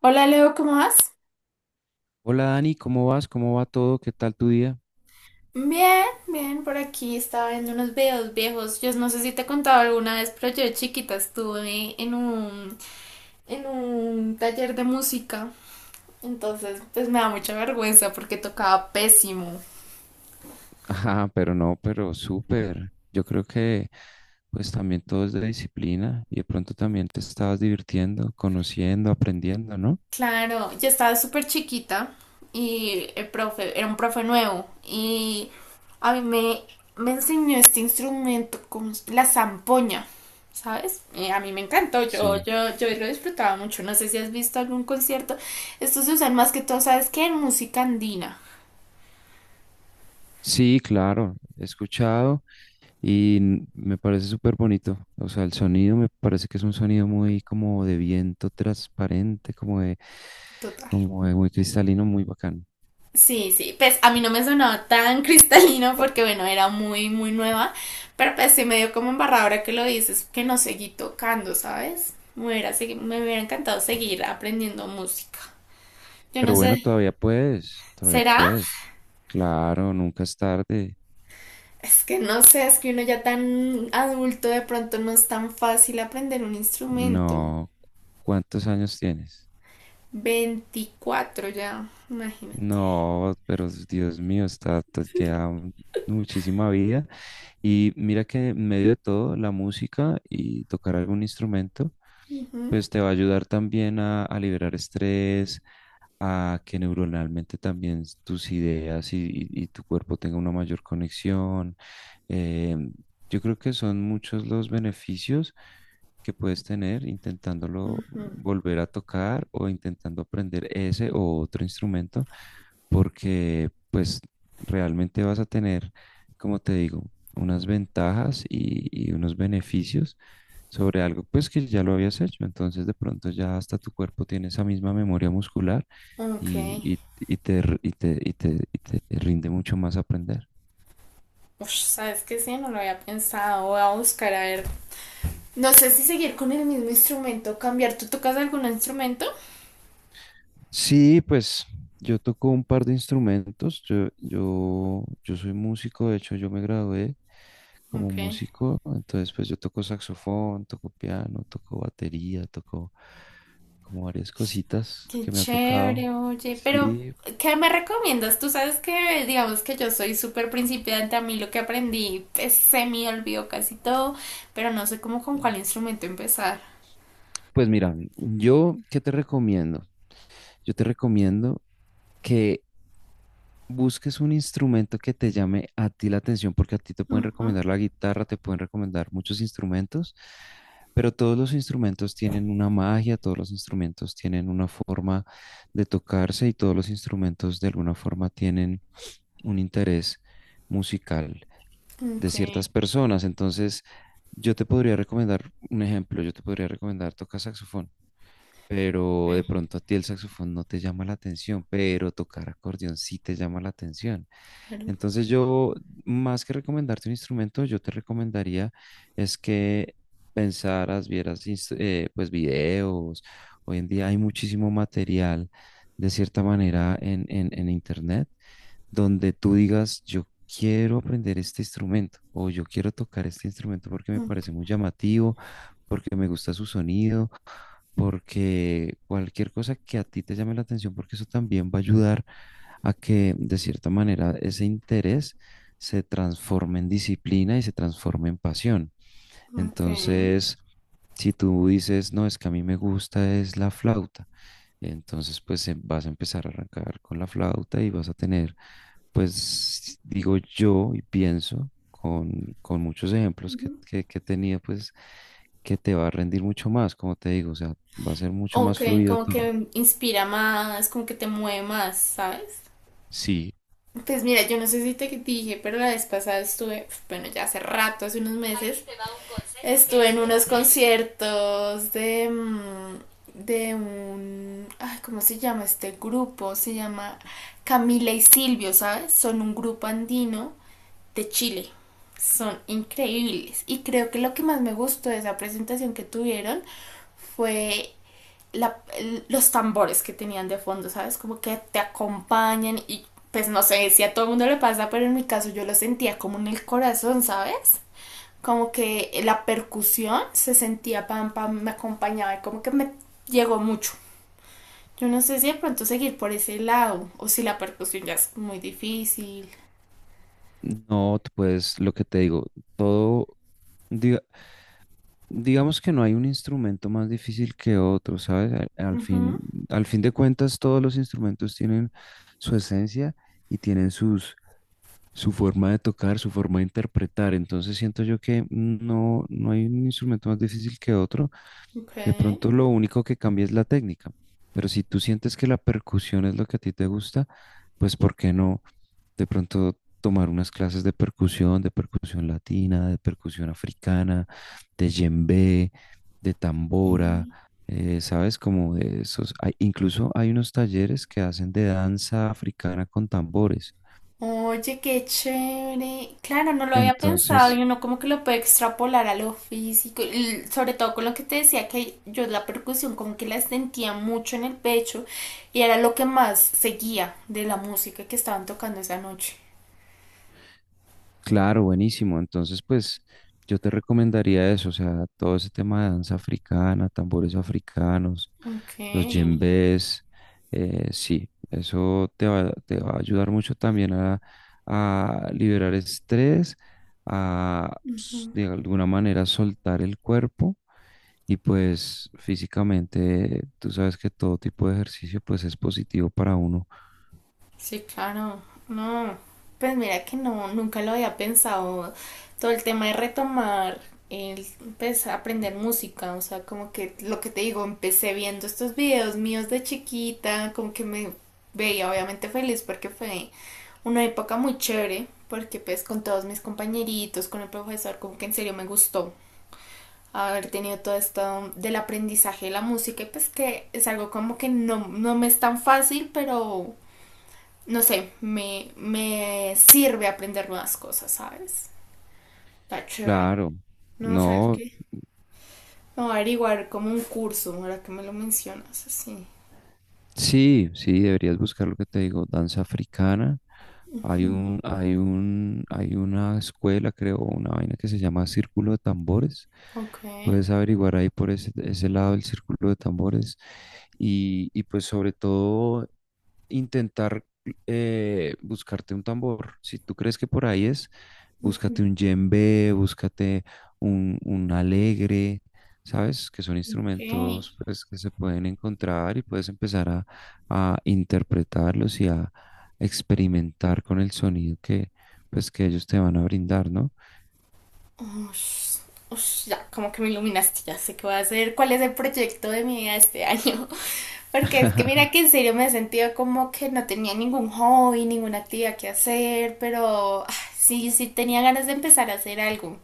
Hola Leo, ¿cómo vas? Hola Dani, ¿cómo vas? ¿Cómo va todo? ¿Qué tal tu día? Bien, bien, por aquí estaba viendo unos videos viejos. Yo no sé si te he contado alguna vez, pero yo de chiquita estuve en un taller de música. Entonces, pues me da mucha vergüenza porque tocaba pésimo. Ajá, pero no, pero súper. Yo creo que pues también todo es de disciplina y de pronto también te estabas divirtiendo, conociendo, aprendiendo, ¿no? Claro, yo estaba súper chiquita y el profe era un profe nuevo y a mí me, me enseñó este instrumento la zampoña, ¿sabes? Y a mí me encantó, yo, Sí. yo, yo lo disfrutaba mucho. No sé si has visto algún concierto. Estos se usan más que todo, ¿sabes qué? En música andina, Sí, claro, he escuchado y me parece súper bonito. O sea, el sonido me parece que es un sonido muy como de viento transparente, total. como de muy cristalino, muy bacán. Sí, sí, pues a mí no me sonaba tan cristalino porque bueno, era muy, muy nueva, pero pues sí me dio como embarradora ahora que lo dices, que no seguí tocando, ¿sabes? Me hubiera encantado seguir aprendiendo música. Yo Pero no bueno, sé, todavía puedes, todavía ¿será? puedes. Claro, nunca es tarde. Es que no sé, es que uno ya tan adulto de pronto no es tan fácil aprender un instrumento. No, ¿cuántos años tienes? 24 ya, imagínate. No, pero Dios mío, está, muchísima vida. Y mira que en medio de todo, la música y tocar algún instrumento, Ujú, pues te va a ayudar también a liberar estrés, a que neuronalmente también tus ideas y tu cuerpo tenga una mayor conexión. Eh, yo creo que son muchos los beneficios que puedes tener intentándolo ujú. volver a tocar o intentando aprender ese o otro instrumento, porque pues realmente vas a tener, como te digo, unas ventajas y unos beneficios sobre algo pues que ya lo habías hecho, entonces de pronto ya hasta tu cuerpo tiene esa misma memoria muscular Ok. Y te, r- y te, y te, y te rinde mucho más aprender. Ush, ¿sabes qué? Sí, no lo había pensado. Voy a buscar a ver. No sé si seguir con el mismo instrumento, cambiar. ¿Tú tocas algún instrumento? Sí, pues yo toco un par de instrumentos. Yo soy músico, de hecho yo me gradué como Ok. músico, entonces pues yo toco saxofón, toco piano, toco batería, toco como varias cositas Qué que me ha tocado. chévere, oye. Pero, Sí, ¿qué me recomiendas? Tú sabes que, digamos que yo soy súper principiante. A mí lo que aprendí pues, se me olvidó casi todo, pero no sé cómo con cuál instrumento empezar. pues mira, yo, ¿qué te recomiendo? Yo te recomiendo... que busques un instrumento que te llame a ti la atención, porque a ti te pueden Ujú. recomendar la guitarra, te pueden recomendar muchos instrumentos, pero todos los instrumentos tienen una magia, todos los instrumentos tienen una forma de tocarse y todos los instrumentos de alguna forma tienen un interés musical de Ok, ciertas personas. Entonces, yo te podría recomendar un ejemplo, yo te podría recomendar tocar saxofón. Pero de ok, pronto a ti el saxofón no te llama la atención, pero tocar acordeón sí te llama la atención. claro. Entonces yo, más que recomendarte un instrumento, yo te recomendaría es que pensaras, vieras, pues videos. Hoy en día hay muchísimo material, de cierta manera, en Internet, donde tú digas, yo quiero aprender este instrumento o yo quiero tocar este instrumento porque me Mm, parece muy llamativo, porque me gusta su sonido porque cualquier cosa que a ti te llame la atención, porque eso también va a ayudar a que de cierta manera ese interés se transforme en disciplina y se transforme en pasión. ok. Entonces, si tú dices, no, es que a mí me gusta es la flauta, entonces pues vas a empezar a arrancar con la flauta y vas a tener, pues digo yo y pienso con muchos ejemplos que, Ujú. que, que tenía, pues que te va a rendir mucho más, como te digo, o sea, va a ser mucho Ok, más fluido como todo. que inspira más, como que te mueve más, ¿sabes? Sí, Pues mira, yo no sé si te dije, pero la vez pasada estuve, bueno, ya hace rato, hace unos meses, estuve en unos conciertos de, mm, de un, ay, ¿cómo se llama este grupo? Se llama Camila y Silvio, ¿sabes? Son un grupo andino de Chile. Son increíbles. Y creo que lo que más me gustó de esa presentación que tuvieron fue la- los tambores que tenían de fondo, ¿sabes? Como que te acompañan y pues no sé si a todo el mundo le pasa, pero en mi caso yo lo sentía como en el corazón, ¿sabes? Como que la percusión se sentía pam pam, me acompañaba y como que me llegó mucho. Yo no sé si de pronto seguir por ese lado o si la percusión ya es muy difícil. no, pues lo que te digo, todo, diga. Digamos que no hay un instrumento más difícil que otro, ¿sabes? Al, al fin, Ujú, al fin de cuentas, todos los instrumentos tienen su esencia y tienen sus, su forma de tocar, su forma de interpretar. Entonces siento yo que no, no hay un instrumento más difícil que otro. ok. De pronto lo único que cambia es la técnica, pero si tú sientes que la percusión es lo que a ti te gusta, pues ¿por qué no de pronto tomar unas clases de percusión latina, de percusión africana, de djembe, de tambora, ¿sabes? Como de esos. Incluso hay unos talleres que hacen de danza africana con tambores. Oye, qué chévere. Claro, no lo había pensado Entonces, y uno como que lo puede extrapolar a lo físico, y sobre todo con lo que te decía que yo la percusión como que la sentía mucho en el pecho y era lo que más seguía de la música que estaban tocando esa noche. claro, buenísimo. Entonces, pues yo te recomendaría eso, o sea, todo ese tema de danza africana, tambores africanos, Ok. los djembes, sí, eso te va a ayudar mucho también a liberar estrés, de alguna manera soltar el cuerpo y pues físicamente tú sabes que todo tipo de ejercicio pues es positivo para uno. Sí, claro. No, pues mira que no, nunca lo había pensado. Todo el tema de retomar, el, pues aprender música, o sea, como que lo que te digo, empecé viendo estos videos míos de chiquita, como que me veía obviamente feliz porque fue una época muy chévere, porque pues con todos mis compañeritos, con el profesor, como que en serio me gustó haber tenido todo esto del aprendizaje de la música, y pues que es algo como que no, no me es tan fácil, pero no sé, me sirve aprender nuevas cosas, ¿sabes? Está chévere. Claro, No, ¿sabes no. qué? No averiguar como un curso, ahora que me lo mencionas, así. Sí, sí, deberías buscar lo que te digo, danza africana. Hay una escuela, creo, una vaina que se llama Círculo de Tambores. Ok, Puedes averiguar ahí por ese lado el Círculo de Tambores. Y pues sobre todo intentar buscarte un tambor. Si tú crees que por ahí es, búscate un djembe, búscate un alegre, ¿sabes? Que son ok. instrumentos pues, que se pueden encontrar y puedes empezar a interpretarlos y a experimentar con el sonido que, pues, que ellos te van a brindar, ¿no? Ush, ush, ya, como que me iluminaste, ya sé qué voy a hacer, cuál es el proyecto de mi vida este año. Porque es que mira que en serio me he sentido como que no tenía ningún hobby, ninguna actividad que hacer, pero ah, sí, sí tenía ganas de empezar a hacer algo.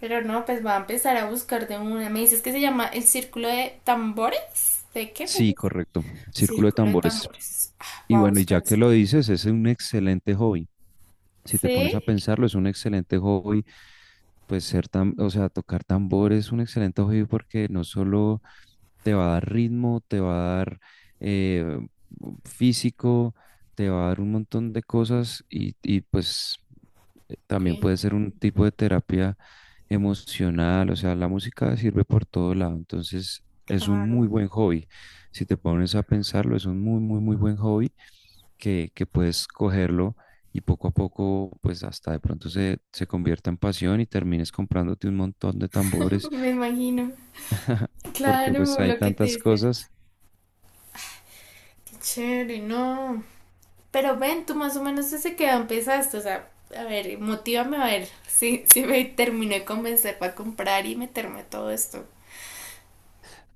Pero no, pues va a empezar a buscar de una. Me dices que se llama el círculo de tambores. ¿De qué me Sí, dices? correcto. Círculo de Círculo de tambores. tambores. Ah, Y voy a bueno, y ya buscar que eso. lo dices, es un excelente hobby. Si te pones a ¿Sí? pensarlo, es un excelente hobby. Pues ser tan, o sea, tocar tambor es un excelente hobby porque no solo te va a dar ritmo, te va a dar eh, físico, te va a dar un montón de cosas y pues Ok, también puede ser un tipo de terapia emocional, o sea, la música sirve por todo lado, entonces es un muy claro. buen hobby. Si te pones a pensarlo, es un muy, muy, muy buen hobby que puedes cogerlo y poco a poco, pues hasta de pronto se convierta en pasión y termines comprándote un montón de tambores, Me imagino. porque pues Claro, hay lo que te tantas dices. cosas. Qué chévere, no. Pero ven, tú más o menos desde que empezaste. O sea, a ver, motívame a ver si, si me terminé de convencer para comprar y meterme a todo esto.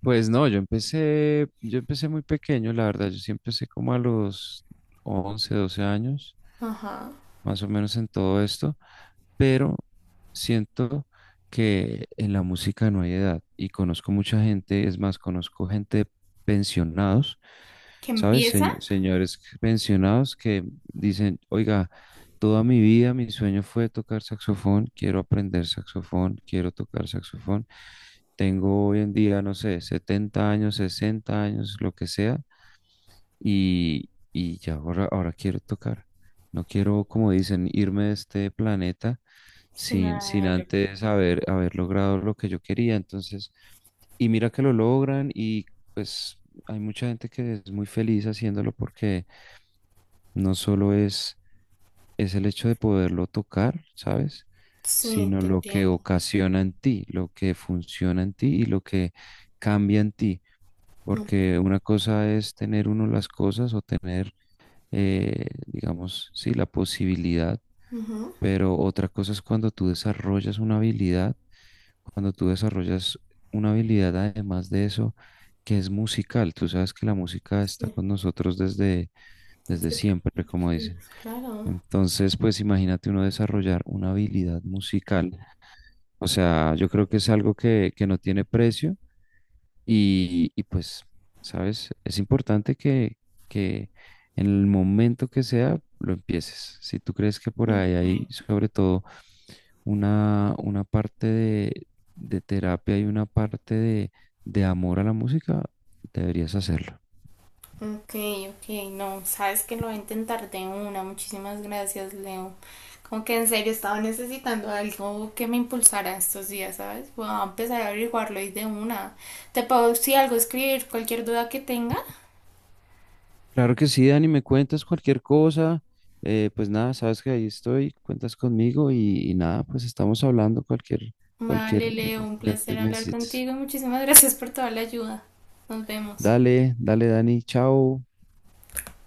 Pues no, yo empecé muy pequeño, la verdad, yo sí empecé como a los 11 12 años Ajá. más o menos en todo esto, pero siento que en la música no hay edad y conozco mucha gente, es más, conozco gente pensionados, ¿Que ¿sabes? empieza? Señores pensionados que dicen, oiga, toda mi vida mi sueño fue tocar saxofón, quiero aprender saxofón, quiero tocar saxofón. Tengo hoy en día, no sé, 70 años, 60 años, lo que sea y ya ahora, ahora quiero tocar. No quiero, como dicen, irme de este planeta Sin sin, sin haber- antes haber, haber logrado lo que yo quería. Entonces, y mira que lo logran y pues hay mucha gente que es muy feliz haciéndolo porque no solo es el hecho de poderlo tocar, ¿sabes? Sí, Sino te lo que entiendo. ocasiona en ti, lo que funciona en ti y lo que cambia en ti. Mm, Porque una cosa es tener uno las cosas o tener digamos, sí, la posibilidad, ujú. pero otra cosa es cuando tú desarrollas una habilidad, cuando tú desarrollas una habilidad además de eso, que es musical. Tú sabes que la música está Sí, con nosotros desde, desde entonces, siempre, como sí, dicen. claro. Entonces, pues imagínate uno desarrollar una habilidad musical. O sea, yo creo que es algo que no tiene precio y pues, ¿sabes? Es importante que en el momento que sea lo empieces. Si tú crees que por ahí hay sobre todo una parte de terapia y una parte de amor a la música, deberías hacerlo. Ok, ok. No, sabes que lo voy a intentar de una. Muchísimas gracias, Leo. Como que en serio estaba necesitando algo que me impulsara estos días, ¿sabes? Voy a empezar a averiguarlo y de una. Te puedo, si algo, escribir cualquier duda que tenga. Claro que sí, Dani, me cuentas cualquier cosa. Pues nada, sabes que ahí estoy, cuentas conmigo y nada, pues estamos hablando cualquier, Vale, cualquier Leo, un necesidad que placer hablar necesites. contigo. Muchísimas gracias por toda la ayuda. Nos vemos. Dale, dale, Dani, chao.